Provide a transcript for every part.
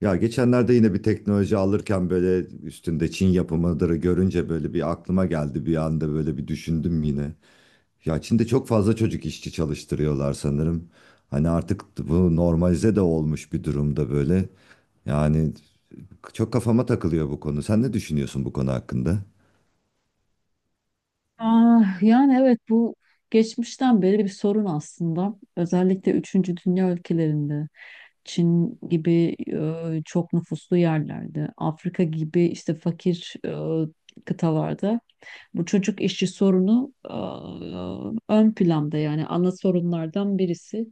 Ya geçenlerde yine bir teknoloji alırken böyle üstünde Çin yapımıdır görünce böyle bir aklıma geldi bir anda böyle bir düşündüm yine. Ya Çin'de çok fazla çocuk işçi çalıştırıyorlar sanırım. Hani artık bu normalize de olmuş bir durumda böyle. Yani çok kafama takılıyor bu konu. Sen ne düşünüyorsun bu konu hakkında? Aa, yani evet bu geçmişten beri bir sorun aslında. Özellikle üçüncü dünya ülkelerinde, Çin gibi çok nüfuslu yerlerde, Afrika gibi işte fakir kıtalarda bu çocuk işçi sorunu ön planda yani ana sorunlardan birisi.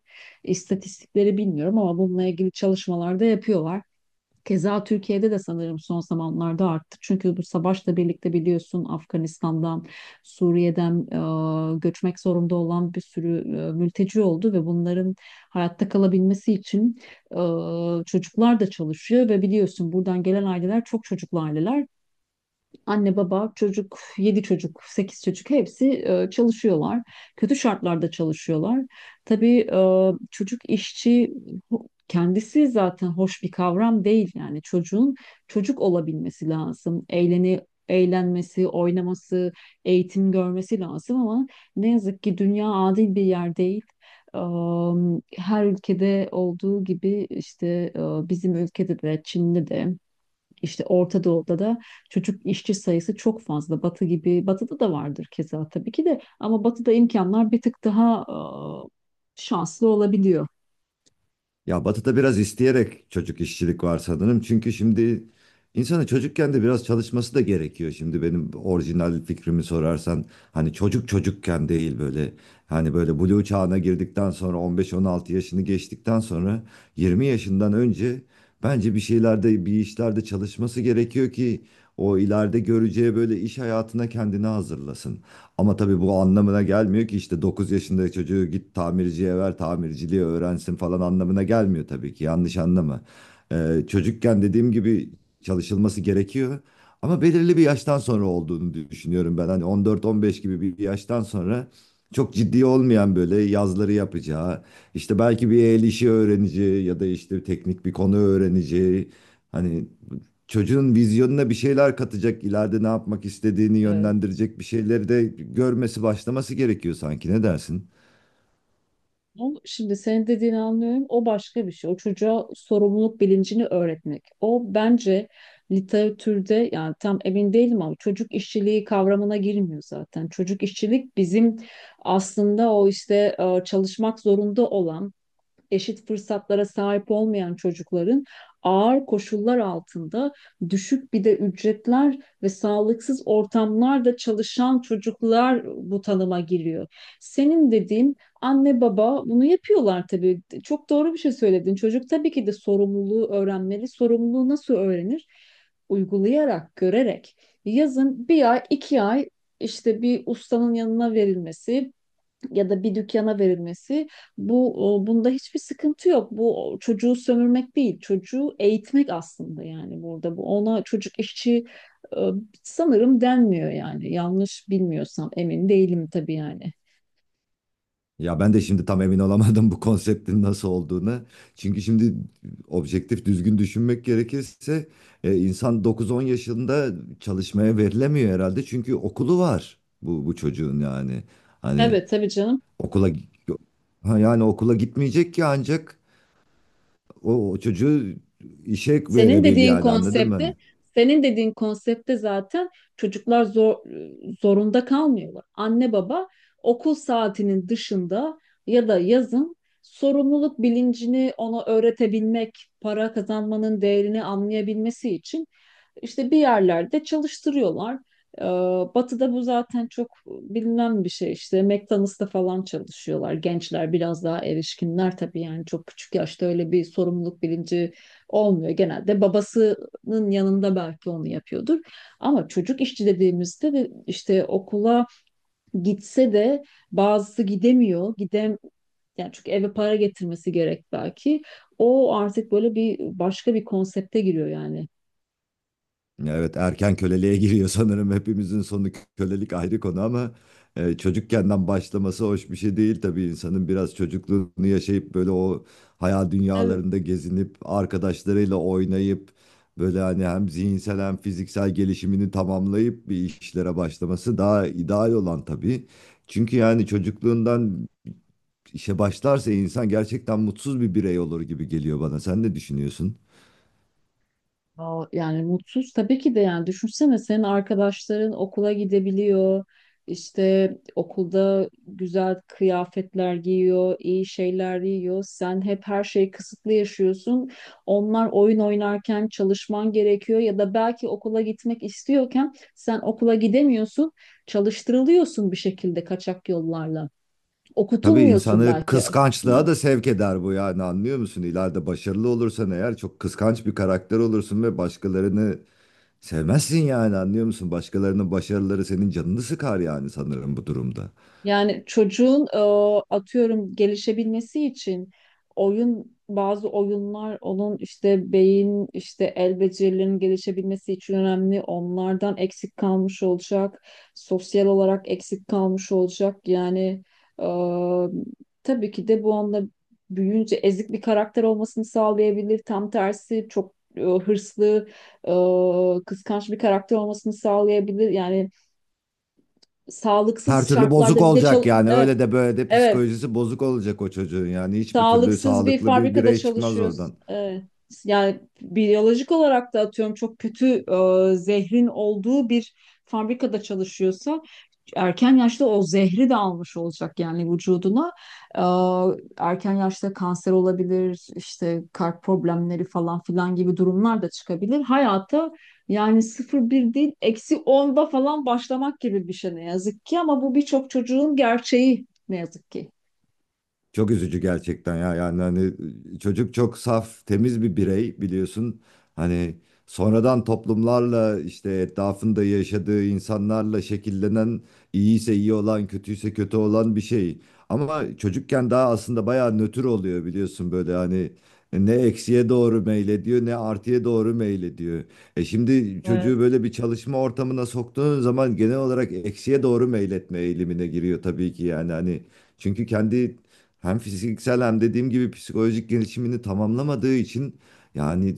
İstatistikleri bilmiyorum ama bununla ilgili çalışmalar da yapıyorlar. Keza Türkiye'de de sanırım son zamanlarda arttı. Çünkü bu savaşla birlikte biliyorsun Afganistan'dan, Suriye'den göçmek zorunda olan bir sürü mülteci oldu ve bunların hayatta kalabilmesi için e, çocuklar da çalışıyor ve biliyorsun buradan gelen aileler çok çocuklu aileler. Anne, baba, çocuk, yedi çocuk, sekiz çocuk hepsi çalışıyorlar. Kötü şartlarda çalışıyorlar. Tabii çocuk işçi kendisi zaten hoş bir kavram değil yani çocuğun çocuk olabilmesi lazım. Eğlenmesi, oynaması, eğitim görmesi lazım ama ne yazık ki dünya adil bir yer değil. E, Her ülkede olduğu gibi işte e, bizim ülkede de Çin'de de işte Orta Doğu'da da çocuk işçi sayısı çok fazla. Batı gibi, Batı'da da vardır keza tabii ki de ama Batı'da imkanlar bir tık daha şanslı olabiliyor. Ya Batı'da biraz isteyerek çocuk işçilik var sanırım. Çünkü şimdi insanın çocukken de biraz çalışması da gerekiyor. Şimdi benim orijinal fikrimi sorarsan hani çocuk çocukken değil, böyle hani böyle blue çağına girdikten sonra, 15-16 yaşını geçtikten sonra, 20 yaşından önce bence bir şeylerde bir işlerde çalışması gerekiyor ki o ileride göreceği böyle iş hayatına kendini hazırlasın. Ama tabii bu anlamına gelmiyor ki işte 9 yaşındaki çocuğu git tamirciye ver, tamirciliği öğrensin falan anlamına gelmiyor tabii ki. Yanlış anlama. Çocukken dediğim gibi çalışılması gerekiyor. Ama belirli bir yaştan sonra olduğunu düşünüyorum ben. Hani 14-15 gibi bir yaştan sonra çok ciddi olmayan böyle yazları yapacağı, işte belki bir el işi öğreneceği ya da işte teknik bir konu öğreneceği. Hani çocuğun vizyonuna bir şeyler katacak, ileride ne yapmak istediğini Evet. yönlendirecek bir şeyleri de görmesi, başlaması gerekiyor sanki. Ne dersin? Şimdi senin dediğini anlıyorum. O başka bir şey. O çocuğa sorumluluk bilincini öğretmek. O bence literatürde yani tam emin değilim ama çocuk işçiliği kavramına girmiyor zaten. Çocuk işçilik bizim aslında o işte çalışmak zorunda olan eşit fırsatlara sahip olmayan çocukların ağır koşullar altında düşük bir de ücretler ve sağlıksız ortamlarda çalışan çocuklar bu tanıma giriyor. Senin dediğin anne baba bunu yapıyorlar tabii. Çok doğru bir şey söyledin. Çocuk tabii ki de sorumluluğu öğrenmeli. Sorumluluğu nasıl öğrenir? Uygulayarak, görerek. Yazın bir ay, iki ay işte bir ustanın yanına verilmesi, ya da bir dükkana verilmesi bunda hiçbir sıkıntı yok. Bu çocuğu sömürmek değil, çocuğu eğitmek aslında yani burada bu ona çocuk işçi e, sanırım denmiyor yani. Yanlış bilmiyorsam emin değilim tabii yani. Ya ben de şimdi tam emin olamadım bu konseptin nasıl olduğunu. Çünkü şimdi objektif düzgün düşünmek gerekirse insan 9-10 yaşında çalışmaya verilemiyor herhalde. Çünkü okulu var bu çocuğun yani. Hani Evet tabii canım. okula ha, yani okula gitmeyecek ki ancak o çocuğu işe Senin verebil dediğin yani anladın mı? Hani. konsepte, senin dediğin konsepte zaten çocuklar zor, zorunda kalmıyorlar. Anne baba okul saatinin dışında ya da yazın sorumluluk bilincini ona öğretebilmek, para kazanmanın değerini anlayabilmesi için işte bir yerlerde çalıştırıyorlar. Ee, Batı'da bu zaten çok bilinen bir şey işte McDonald's'ta falan çalışıyorlar. Gençler biraz daha erişkinler tabii yani çok küçük yaşta öyle bir sorumluluk bilinci olmuyor. Genelde babasının yanında belki onu yapıyordur. Ama çocuk işçi dediğimizde de işte okula gitse de bazısı gidemiyor. Yani çünkü eve para getirmesi gerek belki. O artık böyle başka bir konsepte giriyor yani. Evet, erken köleliğe giriyor sanırım. Hepimizin sonu kölelik, ayrı konu ama çocukkenden başlaması hoş bir şey değil tabii. insanın biraz çocukluğunu yaşayıp böyle o hayal dünyalarında gezinip arkadaşlarıyla oynayıp böyle hani hem zihinsel hem fiziksel gelişimini tamamlayıp bir işlere başlaması daha ideal olan tabii. Çünkü yani çocukluğundan işe başlarsa insan gerçekten mutsuz bir birey olur gibi geliyor bana. Sen ne düşünüyorsun? Yani mutsuz tabii ki de yani düşünsene senin arkadaşların okula gidebiliyor. İşte okulda güzel kıyafetler giyiyor, iyi şeyler yiyor. Sen hep her şeyi kısıtlı yaşıyorsun. Onlar oyun oynarken çalışman gerekiyor ya da belki okula gitmek istiyorken sen okula gidemiyorsun. Çalıştırılıyorsun bir şekilde kaçak yollarla. Tabii Okutulmuyorsun insanı belki. kıskançlığa da sevk eder bu, yani anlıyor musun? İleride başarılı olursan eğer çok kıskanç bir karakter olursun ve başkalarını sevmezsin, yani anlıyor musun? Başkalarının başarıları senin canını sıkar yani sanırım bu durumda. Yani çocuğun atıyorum gelişebilmesi için oyun bazı oyunlar onun işte beyin işte el becerilerinin gelişebilmesi için önemli. Onlardan eksik kalmış olacak. Sosyal olarak eksik kalmış olacak. Yani e, tabii ki de bu anda büyüyünce ezik bir karakter olmasını sağlayabilir. Tam tersi çok hırslı, kıskanç bir karakter olmasını sağlayabilir. Yani Her sağlıksız türlü bozuk şartlarda bir de olacak yani, evet, öyle de böyle de Evet, psikolojisi bozuk olacak o çocuğun yani. Hiçbir türlü sağlıksız bir sağlıklı bir fabrikada birey çıkmaz çalışıyoruz. oradan. Evet. Yani biyolojik olarak da atıyorum çok kötü zehrin olduğu bir fabrikada çalışıyorsa erken yaşta o zehri de almış olacak yani vücuduna. E, Erken yaşta kanser olabilir, işte kalp problemleri falan filan gibi durumlar da çıkabilir. Hayata yani sıfır bir değil eksi onda falan başlamak gibi bir şey ne yazık ki ama bu birçok çocuğun gerçeği ne yazık ki. Çok üzücü gerçekten ya. Yani hani çocuk çok saf temiz bir birey biliyorsun, hani sonradan toplumlarla işte etrafında yaşadığı insanlarla şekillenen, iyiyse iyi olan kötüyse kötü olan bir şey. Ama çocukken daha aslında bayağı nötr oluyor biliyorsun böyle hani, ne eksiye doğru meylediyor ne artıya doğru meylediyor. Şimdi çocuğu Evet, böyle bir çalışma ortamına soktuğun zaman genel olarak eksiye doğru meyletme eğilimine giriyor tabii ki, yani hani çünkü kendi hem fiziksel hem dediğim gibi psikolojik gelişimini tamamlamadığı için yani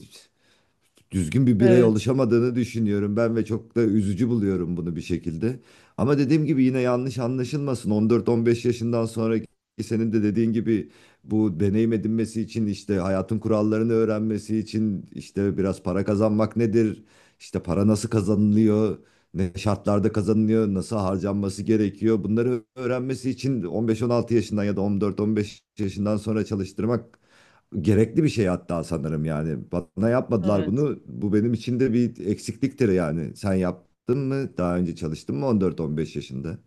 düzgün bir birey evet. oluşamadığını düşünüyorum ben ve çok da üzücü buluyorum bunu bir şekilde. Ama dediğim gibi yine yanlış anlaşılmasın. 14-15 yaşından sonraki, senin de dediğin gibi, bu deneyim edinmesi için, işte hayatın kurallarını öğrenmesi için işte, biraz para kazanmak nedir? İşte para nasıl kazanılıyor? Ne şartlarda kazanılıyor? Nasıl harcanması gerekiyor? Bunları öğrenmesi için 15-16 yaşından ya da 14-15 yaşından sonra çalıştırmak gerekli bir şey hatta sanırım yani. Bana yapmadılar Evet. bunu. Bu benim için de bir eksikliktir yani. Sen yaptın mı? Daha önce çalıştın mı 14-15 yaşında?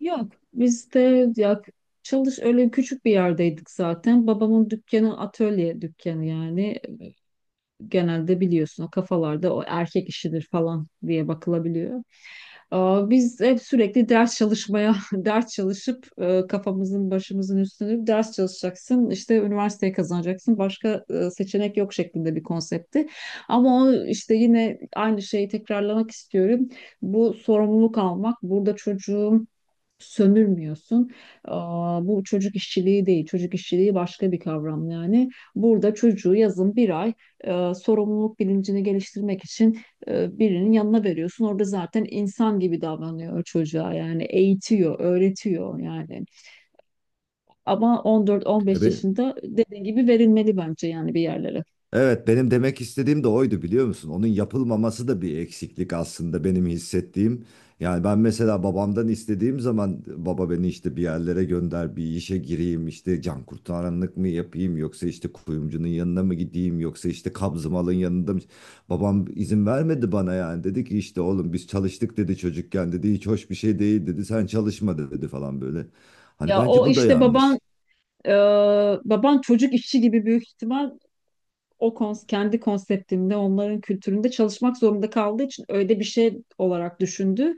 Yok biz de ya öyle küçük bir yerdeydik zaten. Babamın dükkanı atölye dükkanı yani genelde biliyorsun o kafalarda o erkek işidir falan diye bakılabiliyor. Biz hep sürekli ders çalışmaya, ders çalışıp kafamızın başımızın üstünü ders çalışacaksın, işte üniversiteyi kazanacaksın, başka seçenek yok şeklinde bir konseptti. Ama o işte yine aynı şeyi tekrarlamak istiyorum. Bu sorumluluk almak, burada çocuğun sömürmüyorsun. Bu çocuk işçiliği değil, çocuk işçiliği başka bir kavram yani. Burada çocuğu yazın bir ay sorumluluk bilincini geliştirmek için birinin yanına veriyorsun. Orada zaten insan gibi davranıyor çocuğa yani eğitiyor, öğretiyor yani. Ama 14-15 E yaşında dediğin gibi verilmeli bence yani bir yerlere. Evet, benim demek istediğim de oydu biliyor musun? Onun yapılmaması da bir eksiklik aslında, benim hissettiğim. Yani ben mesela babamdan istediğim zaman, baba beni işte bir yerlere gönder, bir işe gireyim, işte can kurtaranlık mı yapayım yoksa işte kuyumcunun yanına mı gideyim yoksa işte kabzımalın yanında mı? Babam izin vermedi bana yani, dedi ki işte oğlum biz çalıştık dedi çocukken, dedi hiç hoş bir şey değil, dedi sen çalışma dedi falan böyle. Hani Ya bence o bu da işte yanlış. e, baban çocuk işçi gibi büyük ihtimal o kons kendi konseptinde, onların kültüründe çalışmak zorunda kaldığı için öyle bir şey olarak düşündü.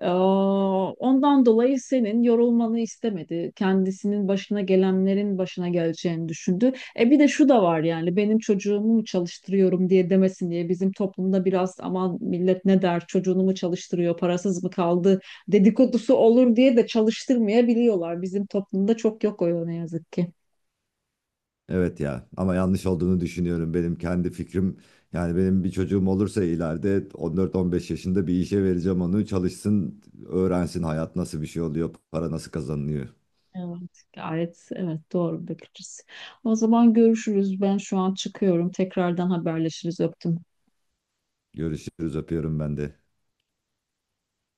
Ee, Ondan dolayı senin yorulmanı istemedi. Kendisinin başına gelenlerin başına geleceğini düşündü. E bir de şu da var yani benim çocuğumu mu çalıştırıyorum diye demesin diye bizim toplumda biraz aman millet ne der çocuğunu mu çalıştırıyor parasız mı kaldı dedikodusu olur diye de çalıştırmayabiliyorlar. Bizim toplumda çok yok o ne yazık ki. Evet ya, ama yanlış olduğunu düşünüyorum. Benim kendi fikrim, yani benim bir çocuğum olursa ileride 14-15 yaşında bir işe vereceğim onu, çalışsın öğrensin hayat nasıl bir şey oluyor, para nasıl kazanılıyor. Evet, gayet evet doğru bir bakış. O zaman görüşürüz. Ben şu an çıkıyorum. Tekrardan haberleşiriz. Öptüm. Görüşürüz, öpüyorum ben de.